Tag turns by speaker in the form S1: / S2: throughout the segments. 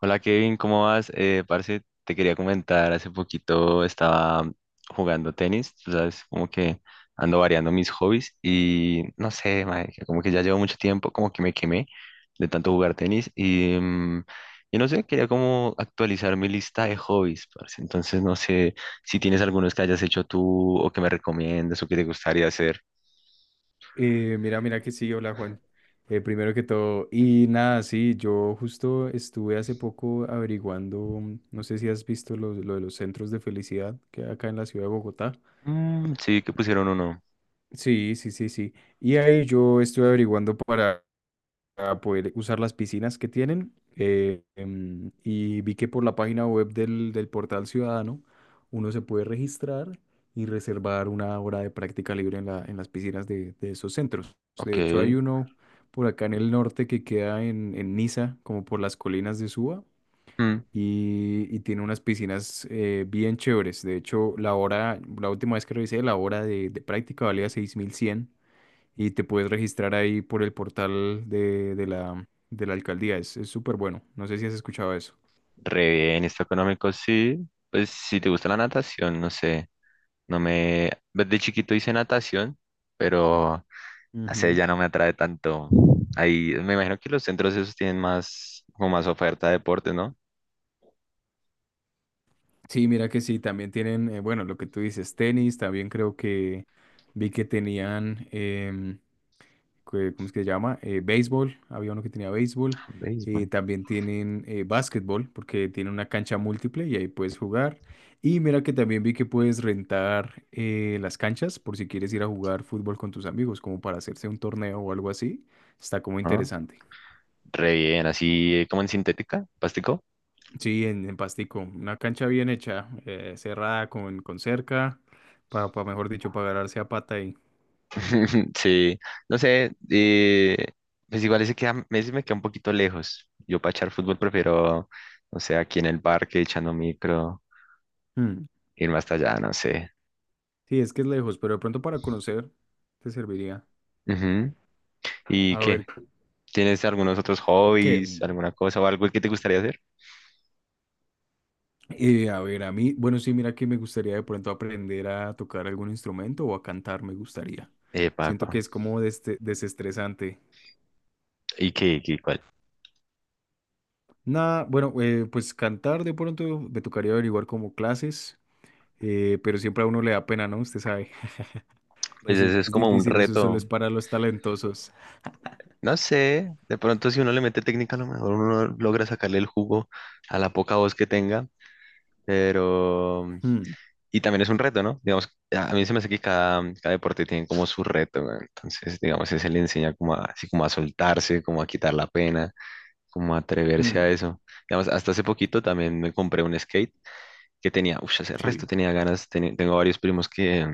S1: Hola Kevin, ¿cómo vas? Parce, te quería comentar, hace poquito estaba jugando tenis, tú sabes, como que ando variando mis hobbies y no sé, marica, como que ya llevo mucho tiempo, como que me quemé de tanto jugar tenis y no sé, quería como actualizar mi lista de hobbies, parce. Entonces no sé si tienes algunos que hayas hecho tú o que me recomiendes o que te gustaría hacer.
S2: Mira, mira que sí, hola Juan. Primero que todo, y nada, sí, yo justo estuve hace poco averiguando, no sé si has visto lo de los centros de felicidad que hay acá en la ciudad de Bogotá.
S1: Mm, sí, que pusieron uno.
S2: Sí, sí, sí, sí. Y ahí yo estuve averiguando para poder usar las piscinas que tienen. Y vi que por la página web del portal Ciudadano uno se puede registrar y reservar una hora de práctica libre en en las piscinas de esos centros.
S1: Ok.
S2: De hecho, hay uno por acá en el norte que queda en, Niza, como por las colinas de Suba.
S1: Mm.
S2: Y, tiene unas piscinas bien chéveres. De hecho, la hora, la última vez que revisé, la hora de práctica valía 6.100 y te puedes registrar ahí por el portal de la alcaldía. Es súper bueno. No sé si has escuchado eso.
S1: Re bien, esto económico sí. Pues si te gusta la natación, no sé. No me. Desde chiquito hice natación, pero no sé,
S2: Ujú.
S1: ya no me atrae tanto. Ahí me imagino que los centros esos tienen más, como más oferta de deportes, ¿no?
S2: Sí, mira que sí, también tienen, bueno, lo que tú dices, tenis, también creo que vi que tenían, ¿cómo es que se llama? Béisbol, había uno que tenía béisbol.
S1: Béisbol.
S2: También tienen básquetbol, porque tiene una cancha múltiple y ahí puedes jugar. Y mira que también vi que puedes rentar las canchas por si quieres ir a jugar fútbol con tus amigos, como para hacerse un torneo o algo así. Está como
S1: Ajá.
S2: interesante.
S1: Re bien, así como en sintética, plástico.
S2: Sí, en, Pastico, una cancha bien hecha, cerrada con, cerca, para, mejor dicho, para agarrarse a pata ahí.
S1: Sí, no sé, pues igual ese, queda, ese me queda un poquito lejos. Yo para echar fútbol prefiero, no sé, aquí en el parque echando micro,
S2: Mm,
S1: irme hasta allá, no sé.
S2: sí, es que es lejos, pero de pronto para conocer te serviría.
S1: Ujú. ¿Y
S2: A ver,
S1: qué? ¿Tienes algunos otros
S2: ¿qué?
S1: hobbies, alguna cosa o algo que te gustaría hacer?
S2: A ver, a mí, bueno, sí, mira que me gustaría de pronto aprender a tocar algún instrumento o a cantar, me gustaría.
S1: Epa,
S2: Siento que
S1: epa.
S2: es como desestresante.
S1: ¿Y qué, cuál?
S2: Nada, bueno, pues cantar de pronto me tocaría averiguar como clases, pero siempre a uno le da pena, ¿no? Usted sabe,
S1: Pues
S2: eso
S1: ese es
S2: es
S1: como un
S2: difícil, eso solo
S1: reto.
S2: es para los talentosos.
S1: No sé, de pronto si uno le mete técnica, a lo mejor uno logra sacarle el jugo a la poca voz que tenga, pero...
S2: Mm,
S1: Y también es un reto, ¿no? Digamos, a mí se me hace que cada deporte tiene como su reto, ¿no? Entonces, digamos, ese le enseña como a, así como a soltarse, como a quitar la pena, como a atreverse a
S2: mm,
S1: eso. Digamos, hasta hace poquito también me compré un skate que tenía, uff, hace resto
S2: sí,
S1: tenía ganas, tengo varios primos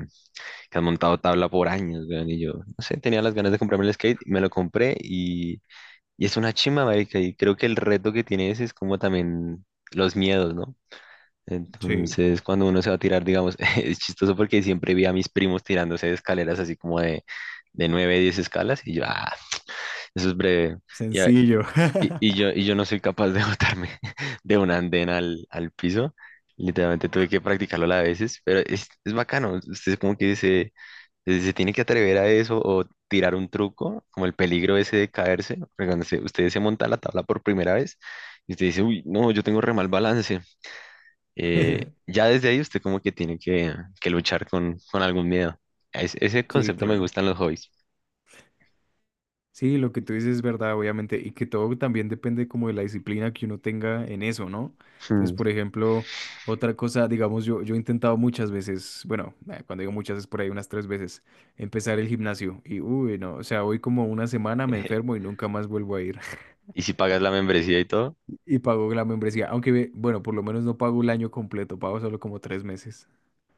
S1: que han montado tabla por años, weón, y yo, no sé, tenía las ganas de comprarme el skate, me lo compré y es una chimba, marica, y creo que el reto que tiene ese es como también los miedos, ¿no?
S2: sí,
S1: Entonces, cuando uno se va a tirar, digamos, es chistoso porque siempre vi a mis primos tirándose de escaleras así como de 9 o 10 escalas y yo, ah, eso es breve. Y, a-
S2: sencillo.
S1: y yo no soy capaz de botarme de un andén al piso. Literalmente tuve que practicarlo a veces, pero es bacano. Usted como que se tiene que atrever a eso o tirar un truco, como el peligro ese de caerse. Porque usted se monta a la tabla por primera vez y usted dice, uy, no, yo tengo re mal balance. Ya desde ahí usted como que tiene que luchar con algún miedo. Ese
S2: Sí,
S1: concepto me
S2: claro.
S1: gustan los hobbies.
S2: Sí, lo que tú dices es verdad, obviamente, y que todo también depende como de la disciplina que uno tenga en eso, ¿no? Entonces,
S1: Hmm.
S2: por ejemplo, otra cosa, digamos, yo he intentado muchas veces, bueno, cuando digo muchas es por ahí unas tres veces, empezar el gimnasio y, uy, no, o sea, voy como una semana, me enfermo y nunca más vuelvo a ir.
S1: Y si pagas la membresía y todo.
S2: Y pago la membresía, aunque, bueno, por lo menos no pago el año completo, pago solo como 3 meses.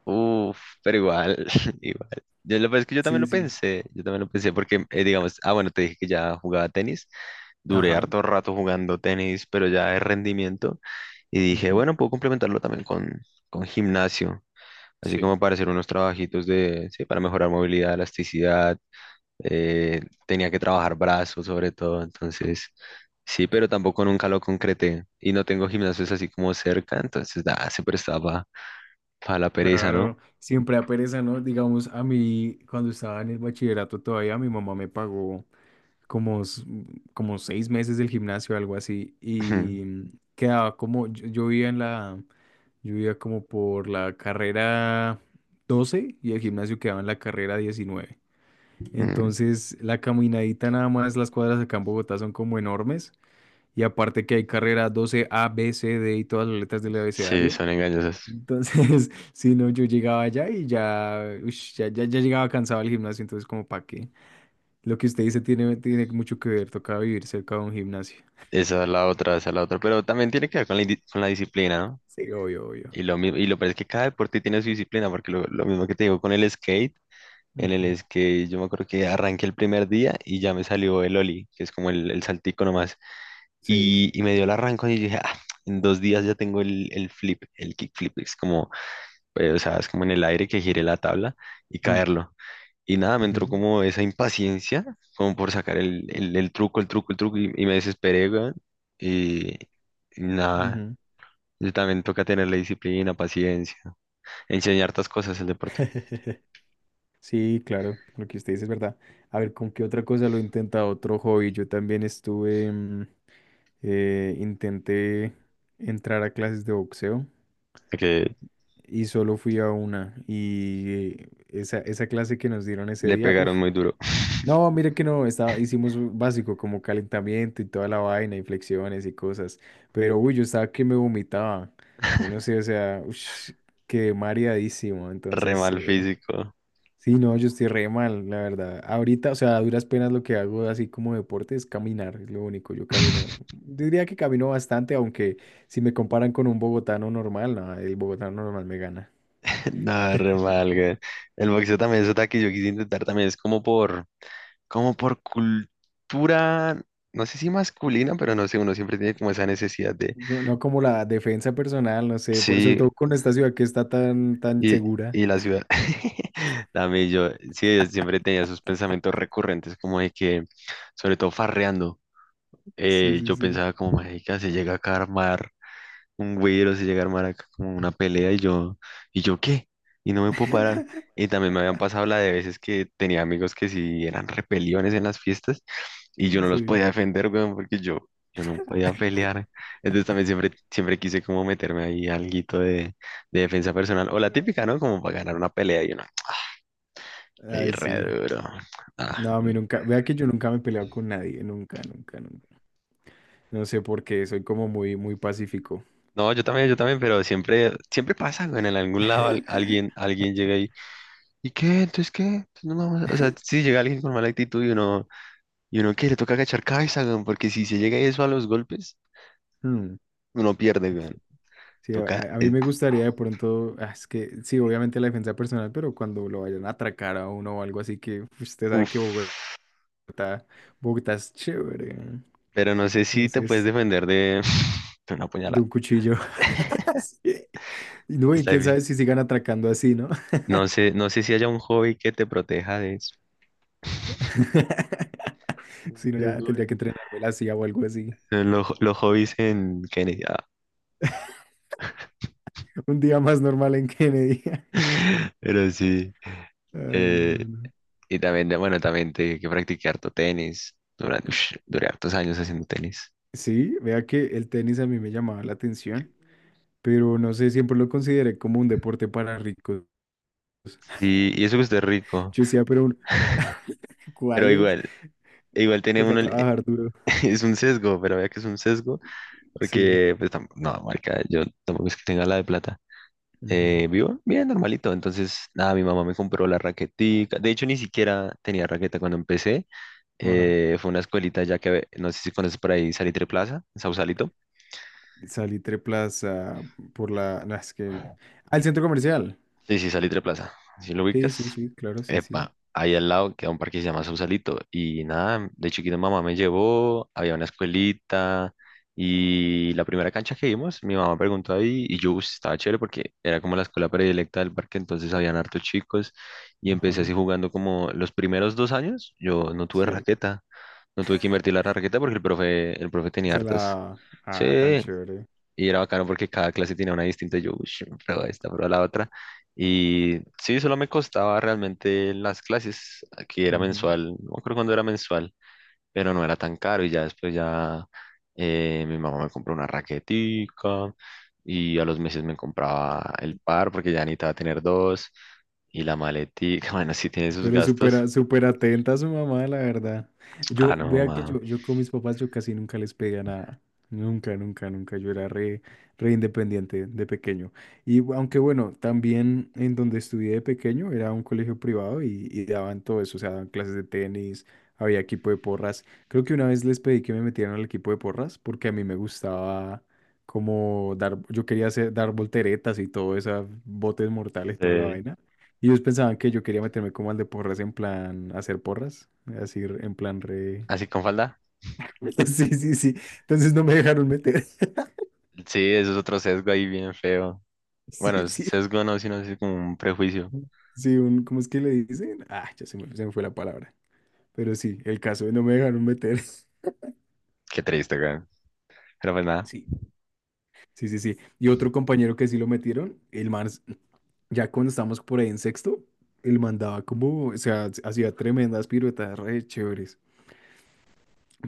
S1: Uf, pero igual, igual. Yo lo pues, es que yo también
S2: Sí,
S1: lo
S2: sí.
S1: pensé, yo también lo pensé porque, digamos, ah, bueno, te dije que ya jugaba tenis, duré
S2: Ajá.
S1: harto rato jugando tenis, pero ya de rendimiento, y dije,
S2: Ujú,
S1: bueno, puedo complementarlo también con gimnasio, así
S2: sí.
S1: como para hacer unos trabajitos de, sí, para mejorar movilidad, elasticidad, eh, tenía que trabajar brazos sobre todo, entonces, sí, pero tampoco nunca lo concreté, y no tengo gimnasios así como cerca, entonces, da se prestaba para la pereza, ¿no?
S2: Claro, siempre a pereza, ¿no? Digamos, a mí, cuando estaba en el bachillerato todavía, mi mamá me pagó como, s- como 6 meses del gimnasio, algo así, y quedaba como, yo vivía como por la carrera 12 y el gimnasio quedaba en la carrera 19.
S1: Mm.
S2: Entonces, la caminadita nada más, las cuadras acá en Bogotá son como enormes, y aparte que hay carrera 12 A, B, C, D y todas las letras del
S1: Sí,
S2: abecedario.
S1: son engañosas.
S2: Entonces, si no, yo llegaba allá y ya llegaba cansado al gimnasio, entonces como para qué. Lo que usted dice tiene mucho que ver, toca vivir cerca de un gimnasio.
S1: Esa es la otra, esa es la otra. Pero también tiene que ver con la, con la disciplina, ¿no?
S2: Sí, obvio, obvio.
S1: Y lo mismo, y lo peor es que cada deporte tiene su disciplina, porque lo mismo que te digo con el skate, en
S2: Ujú,
S1: el skate yo me acuerdo que arranqué el primer día y ya me salió el ollie, que es como el saltico nomás.
S2: sí.
S1: Y me dio el arranco y dije, ah, en 2 días ya tengo el flip, el kickflip. Es como, o sea, es como en el aire que gire la tabla y
S2: Mm,
S1: caerlo. Y nada, me entró
S2: ujú,
S1: como esa impaciencia, como por sacar el truco, el truco, el truco, y me desesperé, weón. Y, y nada,
S2: ujú.
S1: y también toca tener la disciplina, paciencia, enseñar estas cosas el deporte,
S2: Sí, claro, lo que usted dice es verdad. A ver, ¿con qué otra cosa lo he intentado? Otro hobby. Yo también estuve, intenté entrar a clases de boxeo
S1: que
S2: y solo fui a una. Y esa clase que nos dieron ese
S1: le
S2: día, uff.
S1: pegaron muy duro.
S2: No, mire que no, estaba, hicimos un básico como calentamiento y toda la vaina y flexiones y cosas, pero uy, yo estaba que me vomitaba, yo no sé, o sea, quedé mareadísimo,
S1: Re
S2: entonces,
S1: mal físico.
S2: sí, no, yo estoy re mal, la verdad. Ahorita, o sea, a duras penas lo que hago así como deporte es caminar, es lo único, yo camino, diría que camino bastante, aunque si me comparan con un bogotano normal, no, el bogotano normal me gana.
S1: Nada, re mal, weón. El boxeo también es otra que yo quise intentar también, es como por, como por cultura, no sé si masculina, pero no sé, uno siempre tiene como esa necesidad de...
S2: No, no como la defensa personal, no sé, por sobre
S1: Sí,
S2: todo con esta ciudad que está tan, tan
S1: Y,
S2: segura.
S1: y la ciudad, también yo, sí, yo siempre tenía esos pensamientos recurrentes, como de que, sobre todo farreando,
S2: Sí, sí,
S1: yo
S2: sí.
S1: pensaba como, marica, se llega a armar un güero se llega a armar acá como una pelea ¿y yo qué? Y no me puedo parar. Y también me habían pasado la de veces que tenía amigos que sí eran repeliones en las fiestas y yo no los
S2: Sí.
S1: podía defender, weón, porque yo no podía pelear. Entonces también siempre, siempre quise como meterme ahí alguito de defensa personal o la típica, ¿no? Como para ganar una pelea y yo no, le di
S2: Ay,
S1: re
S2: sí.
S1: duro. Ah,
S2: No, a
S1: no.
S2: mí nunca, vea que yo nunca me he peleado con nadie, nunca, nunca, nunca. No sé por qué, soy como muy, muy pacífico.
S1: No, yo también, pero siempre, siempre pasa, weón, en algún lado alguien, alguien llega y ¿y qué? Entonces, ¿qué? Entonces, no o sea, si llega alguien con mala actitud y uno que le toca agachar cabeza, weón, porque si se llega eso a los golpes,
S2: Hmm.
S1: uno pierde, weón.
S2: Sí, a,
S1: Toca.
S2: a- a mí me gustaría de pronto, ah, es que sí, obviamente la defensa personal, pero cuando lo vayan a atracar a uno o algo así, que pues, usted sabe que
S1: Uf.
S2: Bogotá es chévere, ¿no?
S1: Pero no sé si te puedes
S2: Entonces,
S1: defender de, de una
S2: de
S1: puñalada.
S2: un cuchillo. Sí. Y no, y
S1: Está
S2: quién
S1: difícil.
S2: sabe si sigan atracando así, ¿no?
S1: No sé, no sé si haya un hobby que te proteja de eso.
S2: Si no, ya tendría que entrenarme la CIA o algo así.
S1: Los hobbies en Kennedy. Ah.
S2: Un día más normal en Kennedy.
S1: Pero sí.
S2: Ay, no, no,
S1: eh,
S2: no.
S1: y también, bueno, también te que practicar harto tenis. Durante, ush, duré hartos años haciendo tenis.
S2: Sí, vea que el tenis a mí me llamaba la atención, pero no sé, siempre lo consideré como un deporte para ricos.
S1: Sí, y eso que usted es rico.
S2: Yo decía, pero
S1: Pero
S2: ¿cuál es?
S1: igual, igual tiene
S2: Toca
S1: uno, el-
S2: trabajar duro.
S1: es un sesgo, pero vea que es un sesgo,
S2: Sí.
S1: porque, pues, no, marca, yo tampoco es que tenga la de plata.
S2: Ujú,
S1: Vivo bien, normalito. Entonces, nada, mi mamá me compró la raquetica. De hecho, ni siquiera tenía raqueta cuando empecé.
S2: ajá.
S1: Fue una escuelita ya que, no sé si conoces por ahí, Salitre Plaza, en Sausalito.
S2: Salitre Plaza por la, no, es que. Al centro comercial.
S1: Sí, sí, Salitre Plaza. ¿Si lo
S2: Sí,
S1: ubicas?
S2: sí, sí, claro, sí, sí.
S1: Epa, ahí al lado queda un parque que se llama Sausalito. Y nada, de chiquito mamá me llevó, había una escuelita. Y la primera cancha que vimos, mi mamá preguntó ahí y yo, "Uy, estaba chévere porque era como la escuela predilecta del parque, entonces habían hartos chicos y
S2: Ajá.
S1: empecé así jugando como los primeros 2 años, yo no tuve
S2: Sí.
S1: raqueta, no tuve que invertir la raqueta porque el profe tenía
S2: Se
S1: hartas.
S2: la. Ah, tan
S1: Sí,
S2: chévere.
S1: y era bacano porque cada clase tenía una distinta. Yo, uy, prueba esta, prueba la otra. Y sí, solo me costaba realmente las clases. Aquí era
S2: Ujú.
S1: mensual, no me acuerdo cuándo era mensual, pero no era tan caro. Y ya después ya mi mamá me compró una raquetica y a los meses me compraba el par porque ya necesitaba tener dos. Y la maletica, bueno, sí tiene sus
S2: Pero
S1: gastos.
S2: súper, súper atenta a su mamá, la verdad.
S1: Ah, no,
S2: Vea que
S1: mamá.
S2: yo con mis papás yo casi nunca les pedía nada. Nunca, nunca, nunca. Yo era re, re independiente de pequeño. Y aunque bueno, también en donde estudié de pequeño era un colegio privado y, daban todo eso. O sea, daban clases de tenis, había equipo de porras. Creo que una vez les pedí que me metieran al equipo de porras porque a mí me gustaba como dar, yo quería hacer, dar volteretas y todo eso, botes mortales, toda la
S1: Sí.
S2: vaina. Y ellos pensaban que yo quería meterme como al de porras en plan hacer porras, así en plan re.
S1: ¿Así con falda?
S2: Sí, sí, sí. Entonces no me dejaron meter.
S1: Sí, eso es otro sesgo ahí bien feo.
S2: Sí,
S1: Bueno,
S2: sí.
S1: sesgo no, sino así como un prejuicio.
S2: Sí, ¿cómo es que le dicen? Ah, ya se me fue la palabra. Pero sí, el caso no me dejaron meter.
S1: Qué triste, güey. Pero pues nada,
S2: Sí, sí, sí, sí. Y otro compañero que sí lo metieron, el man, ya cuando estábamos por ahí en sexto, el man daba como, o sea, hacía tremendas piruetas re chéveres,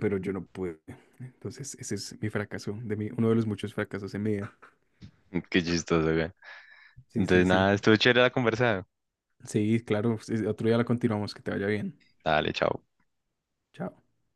S2: pero yo no pude. Entonces, ese es mi fracaso, de mí, uno de los muchos fracasos en mi vida.
S1: qué chistoso, güey.
S2: Sí, sí,
S1: Entonces
S2: sí.
S1: nada, estuvo chévere la conversa.
S2: Sí, claro. Sí, otro día la continuamos. Que te vaya bien.
S1: Dale, chao.
S2: Chao.